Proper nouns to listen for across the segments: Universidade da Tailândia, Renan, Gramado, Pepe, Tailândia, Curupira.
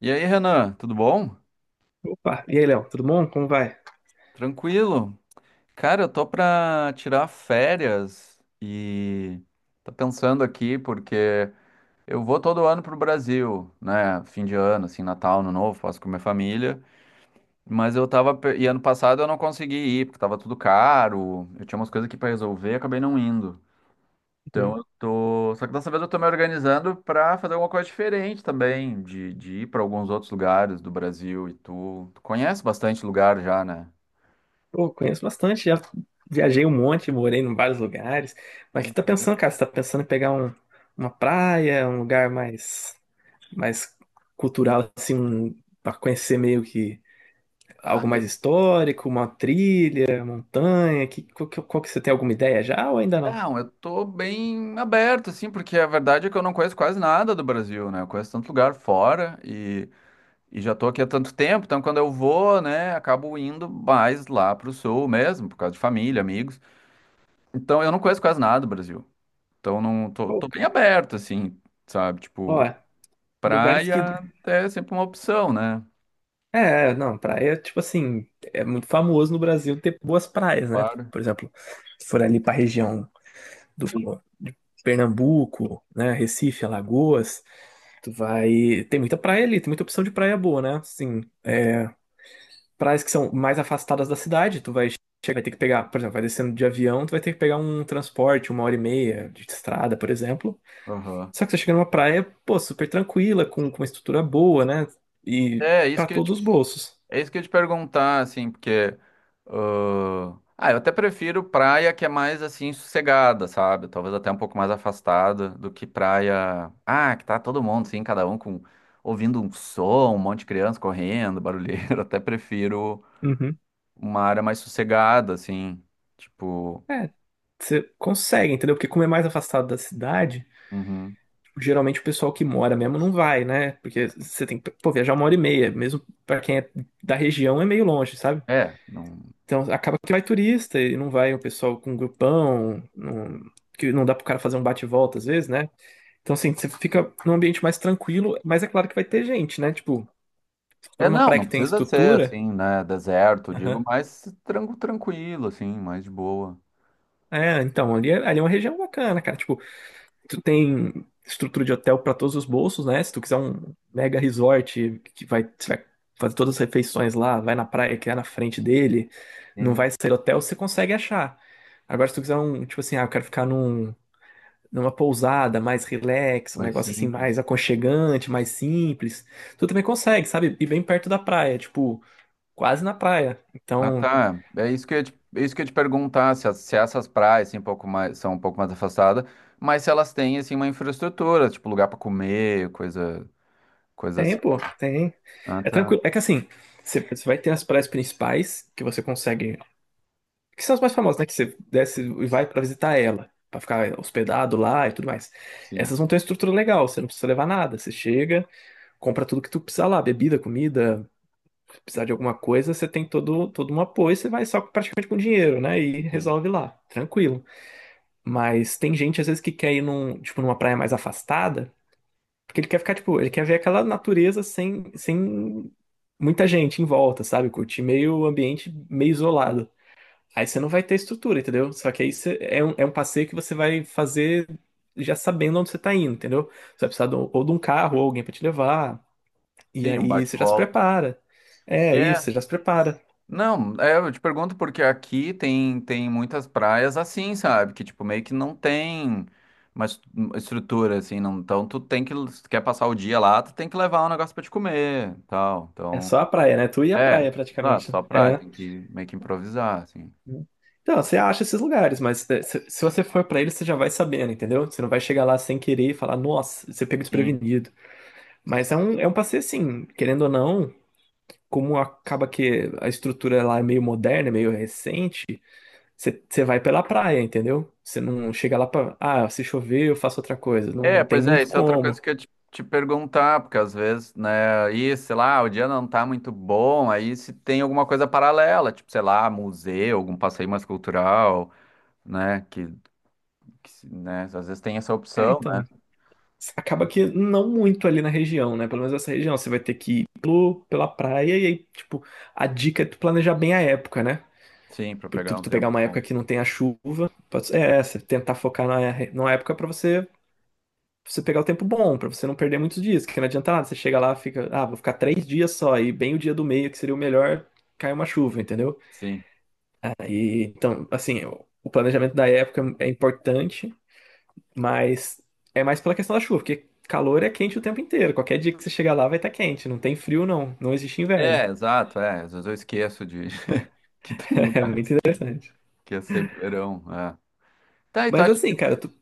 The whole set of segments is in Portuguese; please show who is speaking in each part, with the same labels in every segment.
Speaker 1: E aí, Renan, tudo bom?
Speaker 2: Opa, e aí, Léo, tudo bom? Como vai?
Speaker 1: Tranquilo? Cara, eu tô pra tirar férias e tô pensando aqui porque eu vou todo ano pro Brasil, né? Fim de ano, assim, Natal, Ano Novo, faço com minha família. Mas eu tava. E ano passado eu não consegui ir, porque tava tudo caro, eu tinha umas coisas aqui pra resolver e acabei não indo. Então
Speaker 2: Uhum.
Speaker 1: eu tô. Só que dessa vez eu tô me organizando pra fazer alguma coisa diferente também, de ir pra alguns outros lugares do Brasil e tu. Tu conhece bastante lugar já, né?
Speaker 2: Pô, conheço bastante, já viajei um monte, morei em vários lugares. Mas o
Speaker 1: Pois
Speaker 2: que tá
Speaker 1: é.
Speaker 2: pensando, cara? Você tá pensando em pegar uma praia, um lugar mais cultural, assim, pra conhecer meio que
Speaker 1: Ah,
Speaker 2: algo mais histórico, uma trilha, montanha? Que, qual, que qual que você tem alguma ideia já ou ainda não?
Speaker 1: não, eu tô bem aberto, assim, porque a verdade é que eu não conheço quase nada do Brasil, né? Eu conheço tanto lugar fora e já tô aqui há tanto tempo, então quando eu vou, né, acabo indo mais lá pro sul mesmo, por causa de família, amigos. Então eu não conheço quase nada do Brasil. Então não tô,
Speaker 2: Pô,
Speaker 1: tô bem
Speaker 2: cara,
Speaker 1: aberto, assim, sabe?
Speaker 2: ó,
Speaker 1: Tipo,
Speaker 2: lugares que.
Speaker 1: praia é sempre uma opção, né?
Speaker 2: É, não, praia, tipo assim, é muito famoso no Brasil ter boas praias, né?
Speaker 1: Claro.
Speaker 2: Por exemplo, se for ali pra região do de Pernambuco, né? Recife, Alagoas. Tu vai. Tem muita praia ali, tem muita opção de praia boa, né? Assim, praias que são mais afastadas da cidade, tu vai. Chega, vai ter que pegar, por exemplo, vai descendo de avião, tu vai ter que pegar um transporte, uma hora e meia de estrada, por exemplo.
Speaker 1: Aham.
Speaker 2: Só que você chega numa praia, pô, super tranquila, com uma estrutura boa, né? E
Speaker 1: É,
Speaker 2: pra
Speaker 1: isso que eu ia te
Speaker 2: todos os bolsos.
Speaker 1: É isso que eu ia te perguntar, assim, porque. Ah, eu até prefiro praia que é mais, assim, sossegada, sabe? Talvez até um pouco mais afastada do que praia. Ah, que tá todo mundo, assim, cada um com. Ouvindo um som, um monte de criança correndo, barulheiro. Até prefiro
Speaker 2: Uhum.
Speaker 1: uma área mais sossegada, assim. Tipo.
Speaker 2: É, você consegue, entendeu? Porque como é mais afastado da cidade,
Speaker 1: Uhum.
Speaker 2: geralmente o pessoal que mora mesmo não vai, né? Porque você tem que, pô, viajar uma hora e meia, mesmo pra quem é da região é meio longe, sabe?
Speaker 1: É, não.
Speaker 2: Então acaba que vai turista e não vai o pessoal com um grupão, não, que não dá pro cara fazer um bate-volta às vezes, né? Então assim, você fica num ambiente mais tranquilo, mas é claro que vai ter gente, né? Tipo, se for
Speaker 1: É,
Speaker 2: uma
Speaker 1: não,
Speaker 2: praia
Speaker 1: não
Speaker 2: que tem
Speaker 1: precisa ser,
Speaker 2: estrutura,
Speaker 1: assim, né? Deserto, digo,
Speaker 2: aham.
Speaker 1: mais tranquilo, assim, mais de boa.
Speaker 2: É, então, ali é uma região bacana, cara. Tipo, tu tem estrutura de hotel para todos os bolsos, né? Se tu quiser um mega resort que vai, você vai fazer todas as refeições lá, vai na praia que é na frente dele, não
Speaker 1: Sim,
Speaker 2: vai sair do hotel, você consegue achar. Agora, se tu quiser um, tipo assim, ah, eu quero ficar num, numa pousada mais relax, um
Speaker 1: mais
Speaker 2: negócio assim mais
Speaker 1: simples.
Speaker 2: aconchegante, mais simples, tu também consegue, sabe? E bem perto da praia, tipo, quase na praia.
Speaker 1: Ah,
Speaker 2: Então,
Speaker 1: tá. É isso que eu ia te, é isso que eu ia te perguntar, se, se essas praias assim, um pouco mais, são um pouco mais afastadas, mas se elas têm assim, uma infraestrutura, tipo lugar para comer, coisa, coisa assim.
Speaker 2: tem, pô, tem.
Speaker 1: Ah,
Speaker 2: É
Speaker 1: tá.
Speaker 2: tranquilo. É que assim, você vai ter as praias principais que você consegue, que são as mais famosas, né? Que você desce e vai pra visitar ela, pra ficar hospedado lá e tudo mais.
Speaker 1: Sim,
Speaker 2: Essas vão ter uma estrutura legal, você não precisa levar nada. Você chega, compra tudo que tu precisar lá, bebida, comida, se precisar de alguma coisa, você tem todo um apoio, você vai só praticamente com dinheiro, né? E
Speaker 1: sim.
Speaker 2: resolve lá, tranquilo. Mas tem gente, às vezes, que quer ir num, tipo, numa praia mais afastada, porque ele quer ficar, tipo, ele quer ver aquela natureza sem muita gente em volta, sabe? Curtir meio ambiente meio isolado. Aí você não vai ter estrutura, entendeu? Só que aí você é um passeio que você vai fazer já sabendo onde você tá indo, entendeu? Você vai precisar ou de um carro ou alguém pra te levar. E
Speaker 1: Sim, um
Speaker 2: aí você já se
Speaker 1: bate-volta.
Speaker 2: prepara. É isso,
Speaker 1: É.
Speaker 2: você já se prepara.
Speaker 1: Não, é, eu te pergunto porque aqui tem muitas praias assim, sabe? Que tipo, meio que não tem uma uma estrutura, assim, não. Então tu tem que, se tu quer passar o dia lá, tu tem que levar um negócio pra te comer, tal.
Speaker 2: É
Speaker 1: Então.
Speaker 2: só a praia, né? Tu e a
Speaker 1: É,
Speaker 2: praia
Speaker 1: exato,
Speaker 2: praticamente, né?
Speaker 1: só praia,
Speaker 2: É.
Speaker 1: tem que meio que improvisar, assim.
Speaker 2: Então, você acha esses lugares, mas é, se você for pra eles, você já vai sabendo, entendeu? Você não vai chegar lá sem querer e falar, nossa, você pega
Speaker 1: Sim.
Speaker 2: desprevenido. Mas é um passeio assim, querendo ou não, como acaba que a estrutura lá é meio moderna, é meio recente. Você vai pela praia, entendeu? Você não chega lá pra. Ah, se chover, eu faço outra coisa.
Speaker 1: É,
Speaker 2: Não tem
Speaker 1: pois é,
Speaker 2: muito
Speaker 1: isso é outra coisa
Speaker 2: como.
Speaker 1: que eu te perguntar, porque às vezes, né, aí, sei lá, o dia não tá muito bom, aí se tem alguma coisa paralela, tipo, sei lá, museu, algum passeio mais cultural, né, que, né, às vezes tem essa
Speaker 2: É,
Speaker 1: opção, né?
Speaker 2: então, acaba que não muito ali na região, né? Pelo menos essa região. Você vai ter que ir pela praia e aí, tipo, a dica é tu planejar bem a época, né?
Speaker 1: Sim, pra
Speaker 2: Por Tu,
Speaker 1: pegar um
Speaker 2: tu pegar
Speaker 1: tempo
Speaker 2: uma época
Speaker 1: bom.
Speaker 2: que não tem a chuva. Pode, ser, é, você tentar focar na época pra você, você pegar o tempo bom, pra você não perder muitos dias, que não adianta nada. Você chega lá, fica. Ah, vou ficar 3 dias só, e bem o dia do meio, que seria o melhor, cai uma chuva, entendeu?
Speaker 1: Sim.
Speaker 2: E, então, assim, o planejamento da época é importante, mas é mais pela questão da chuva, porque calor é quente o tempo inteiro. Qualquer dia que você chegar lá vai estar quente, não tem frio, não. Não existe inverno.
Speaker 1: É, exato, é, às vezes eu esqueço de que tem
Speaker 2: É muito
Speaker 1: lugares
Speaker 2: interessante.
Speaker 1: que é sempre verão, é. Tá, então
Speaker 2: Mas
Speaker 1: acho
Speaker 2: assim,
Speaker 1: que
Speaker 2: cara, tu,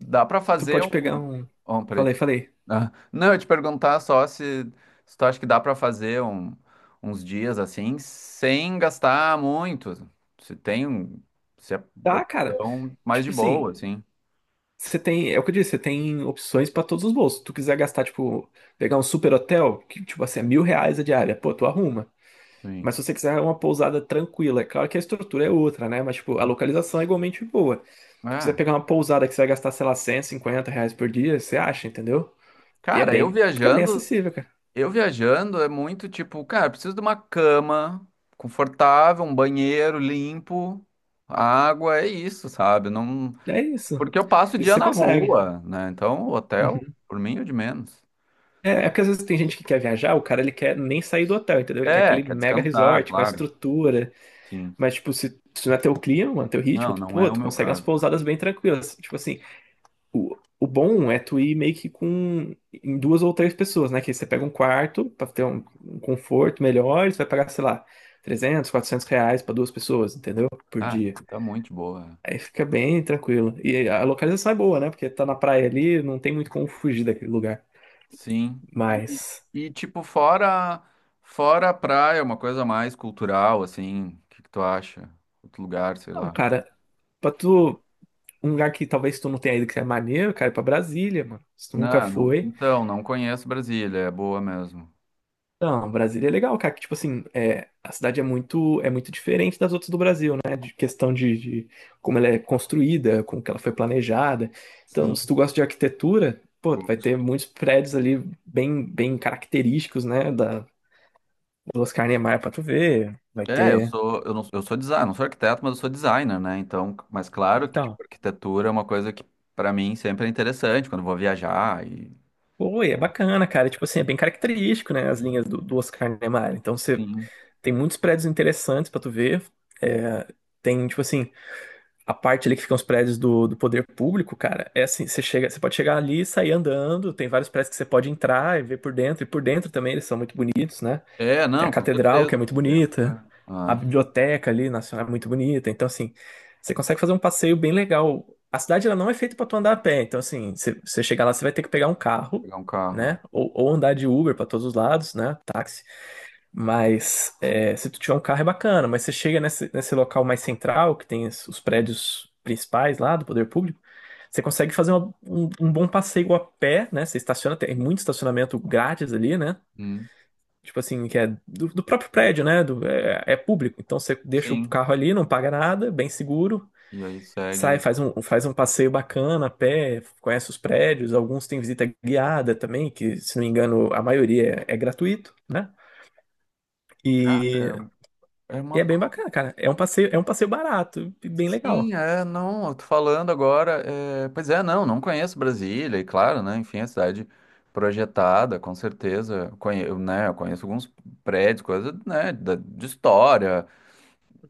Speaker 1: dá pra
Speaker 2: tu
Speaker 1: fazer
Speaker 2: pode
Speaker 1: um...
Speaker 2: pegar um.
Speaker 1: Oh, peraí.
Speaker 2: Falei, falei.
Speaker 1: Ah, não, eu ia te perguntar só se, se tu acha que dá pra fazer um- uns dias assim, sem gastar muito. Se tem, um- se é
Speaker 2: Tá, cara.
Speaker 1: opção mais de
Speaker 2: Tipo assim,
Speaker 1: boa, assim.
Speaker 2: você tem. É o que eu disse, você tem opções pra todos os bolsos. Se tu quiser gastar, tipo, pegar um super hotel, que, tipo assim, é R$ 1.000 a diária, pô, tu arruma.
Speaker 1: Sim.
Speaker 2: Mas se você quiser uma pousada tranquila, é claro que a estrutura é outra, né? Mas, tipo, a localização é igualmente boa. Se tu quiser
Speaker 1: Ah,
Speaker 2: pegar uma pousada que você vai gastar, sei lá, R$ 150 por dia, você acha, entendeu? E é
Speaker 1: cara,
Speaker 2: bem, fica bem acessível, cara.
Speaker 1: eu viajando é muito tipo, cara, preciso de uma cama confortável, um banheiro limpo, água, é isso, sabe? Não,
Speaker 2: É isso.
Speaker 1: porque eu passo o
Speaker 2: Isso
Speaker 1: dia
Speaker 2: você
Speaker 1: na
Speaker 2: consegue.
Speaker 1: rua, né? Então, hotel,
Speaker 2: Uhum.
Speaker 1: por mim, é o de menos.
Speaker 2: É, é porque às vezes tem gente que quer viajar, o cara ele quer nem sair do hotel, entendeu? Ele quer
Speaker 1: É,
Speaker 2: aquele
Speaker 1: quer
Speaker 2: mega
Speaker 1: descansar,
Speaker 2: resort com a
Speaker 1: claro.
Speaker 2: estrutura.
Speaker 1: Sim.
Speaker 2: Mas, tipo, se não é teu clima, mano, teu ritmo,
Speaker 1: Não,
Speaker 2: tu,
Speaker 1: não é
Speaker 2: pô,
Speaker 1: o
Speaker 2: tu
Speaker 1: meu
Speaker 2: consegue umas
Speaker 1: caso.
Speaker 2: pousadas bem tranquilas. Tipo assim, o bom é tu ir meio que com em duas ou três pessoas, né? Que você pega um quarto pra ter um conforto melhor, e você vai pagar, sei lá, R$ 300, R$ 400 pra duas pessoas, entendeu? Por
Speaker 1: Ah,
Speaker 2: dia.
Speaker 1: tá muito boa. É.
Speaker 2: Aí fica bem tranquilo. E a localização é boa, né? Porque tá na praia ali, não tem muito como fugir daquele lugar.
Speaker 1: Sim.
Speaker 2: Mas,
Speaker 1: E, tipo, fora a praia, uma coisa mais cultural, assim, o que que tu acha? Outro lugar, sei
Speaker 2: não,
Speaker 1: lá.
Speaker 2: cara, pra tu, um lugar que talvez tu não tenha ido que é maneiro, cara, é pra Brasília, mano. Se tu nunca
Speaker 1: Não, não,
Speaker 2: foi.
Speaker 1: então, não conheço Brasília, é boa mesmo.
Speaker 2: Não, Brasília é legal, cara, que tipo assim, é, a cidade é muito diferente das outras do Brasil, né? De questão de como ela é construída, como que ela foi planejada. Então, se
Speaker 1: Sim.
Speaker 2: tu gosta de arquitetura, pô, tu vai ter
Speaker 1: Gosto.
Speaker 2: muitos prédios ali bem bem característicos, né, da do Oscar Niemeyer pra tu ver. Vai
Speaker 1: É,
Speaker 2: ter.
Speaker 1: eu sou designer, não sou arquiteto, mas eu sou designer, né? Então, mas claro que,
Speaker 2: Então,
Speaker 1: tipo, arquitetura é uma coisa que pra mim sempre é interessante quando eu vou viajar e
Speaker 2: pô, e é
Speaker 1: bom,
Speaker 2: bacana, cara, tipo assim, é bem característico, né, as linhas do Oscar Niemeyer. Então, você
Speaker 1: sim.
Speaker 2: tem muitos prédios interessantes pra tu ver. É, tem tipo assim, a parte ali que ficam os prédios do poder público, cara, é assim, você chega, você pode chegar ali e sair andando, tem vários prédios que você pode entrar e ver por dentro, e por dentro também eles são muito bonitos, né?
Speaker 1: É,
Speaker 2: Tem a
Speaker 1: não, com
Speaker 2: catedral,
Speaker 1: certeza.
Speaker 2: que é muito
Speaker 1: Dentro, é.
Speaker 2: bonita, a
Speaker 1: Ah,
Speaker 2: biblioteca ali nacional é muito bonita, então assim, você consegue fazer um passeio bem legal. A cidade ela não é feita pra tu andar a pé, então assim, você chegar lá, você vai ter que pegar um carro,
Speaker 1: pegar um carro.
Speaker 2: né?
Speaker 1: É.
Speaker 2: Ou andar de Uber pra todos os lados, né? Táxi. Mas é, se tu tiver um carro é bacana, mas você chega nesse local mais central, que tem os prédios principais lá do poder público, você consegue fazer um bom passeio a pé, né? Você estaciona, tem muito estacionamento grátis ali, né?
Speaker 1: Hum,
Speaker 2: Tipo assim, que é do próprio prédio, né? Do, é, é público. Então você deixa o
Speaker 1: sim.
Speaker 2: carro ali, não paga nada, bem seguro,
Speaker 1: E aí
Speaker 2: sai,
Speaker 1: segue.
Speaker 2: faz um passeio bacana a pé, conhece os prédios, alguns têm visita guiada também, que se não me engano a maioria é gratuito, né?
Speaker 1: É, é uma.
Speaker 2: E é bem
Speaker 1: Ba-.
Speaker 2: bacana, cara. É um passeio barato e bem
Speaker 1: Sim,
Speaker 2: legal.
Speaker 1: é, não, eu tô falando agora. É, pois é, não, não conheço Brasília, e claro, né? Enfim, é cidade projetada, com certeza. Conhe... eu, né, eu conheço alguns prédios, coisas, né, de história.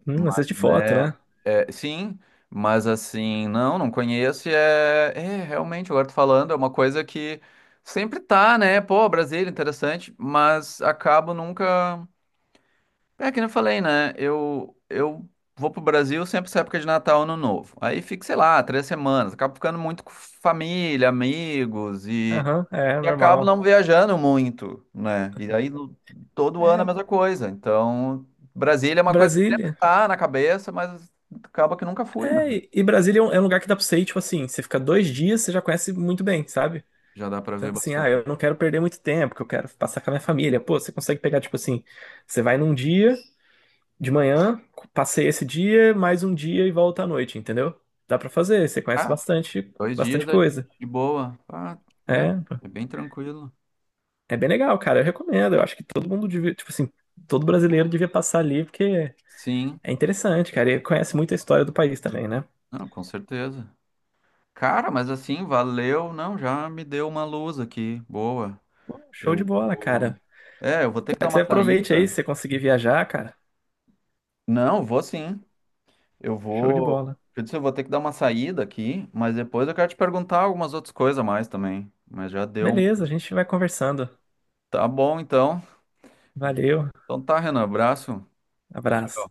Speaker 1: Mas
Speaker 2: Assiste foto,
Speaker 1: é,
Speaker 2: né?
Speaker 1: é, sim, mas assim, não, não conheço. E é, é, realmente, agora tô falando, é uma coisa que sempre tá, né? Pô, Brasília, interessante, mas acabo nunca. É que nem eu falei, né? Eu vou pro Brasil sempre essa época de Natal, Ano Novo. Aí fico, sei lá, 3 semanas. Acabo ficando muito com família, amigos
Speaker 2: Aham, é
Speaker 1: e acabo
Speaker 2: normal.
Speaker 1: não viajando muito, né? E aí no- todo ano é a
Speaker 2: É,
Speaker 1: mesma coisa. Então, Brasília é uma coisa que sempre
Speaker 2: Brasília.
Speaker 1: tá na cabeça, mas acaba que nunca fui, mas
Speaker 2: É, e Brasília é um lugar que dá pra você ir, tipo assim, você fica 2 dias, você já conhece muito bem, sabe?
Speaker 1: já dá pra
Speaker 2: Então,
Speaker 1: ver
Speaker 2: assim, ah, eu
Speaker 1: bastante.
Speaker 2: não quero perder muito tempo, que eu quero passar com a minha família. Pô, você consegue pegar, tipo assim, você vai num dia, de manhã, passei esse dia, mais um dia e volta à noite, entendeu? Dá pra fazer, você conhece
Speaker 1: Ah,
Speaker 2: bastante,
Speaker 1: 2 dias
Speaker 2: bastante
Speaker 1: é
Speaker 2: coisa.
Speaker 1: de boa. Ah, tá.
Speaker 2: É.
Speaker 1: É bem tranquilo.
Speaker 2: É bem legal, cara. Eu recomendo. Eu acho que todo mundo devia, tipo assim, todo brasileiro devia passar ali, porque
Speaker 1: Sim,
Speaker 2: é interessante, cara. E conhece muito a história do país também, né?
Speaker 1: não, com certeza. Cara, mas assim, valeu. Não, já me deu uma luz aqui. Boa.
Speaker 2: Pô, show de
Speaker 1: Eu
Speaker 2: bola,
Speaker 1: vou.
Speaker 2: cara.
Speaker 1: É, eu vou ter
Speaker 2: Espero
Speaker 1: que dar
Speaker 2: que você
Speaker 1: uma
Speaker 2: aproveite aí, se
Speaker 1: saída.
Speaker 2: você conseguir viajar, cara.
Speaker 1: Não, vou sim. Eu
Speaker 2: Show de
Speaker 1: vou.
Speaker 2: bola.
Speaker 1: Eu disse, eu vou ter que dar uma saída aqui, mas depois eu quero te perguntar algumas outras coisas a mais também. Mas já deu um.
Speaker 2: Beleza, a gente vai conversando.
Speaker 1: Tá bom, então.
Speaker 2: Valeu,
Speaker 1: Então tá, Renan. Abraço.
Speaker 2: abraço.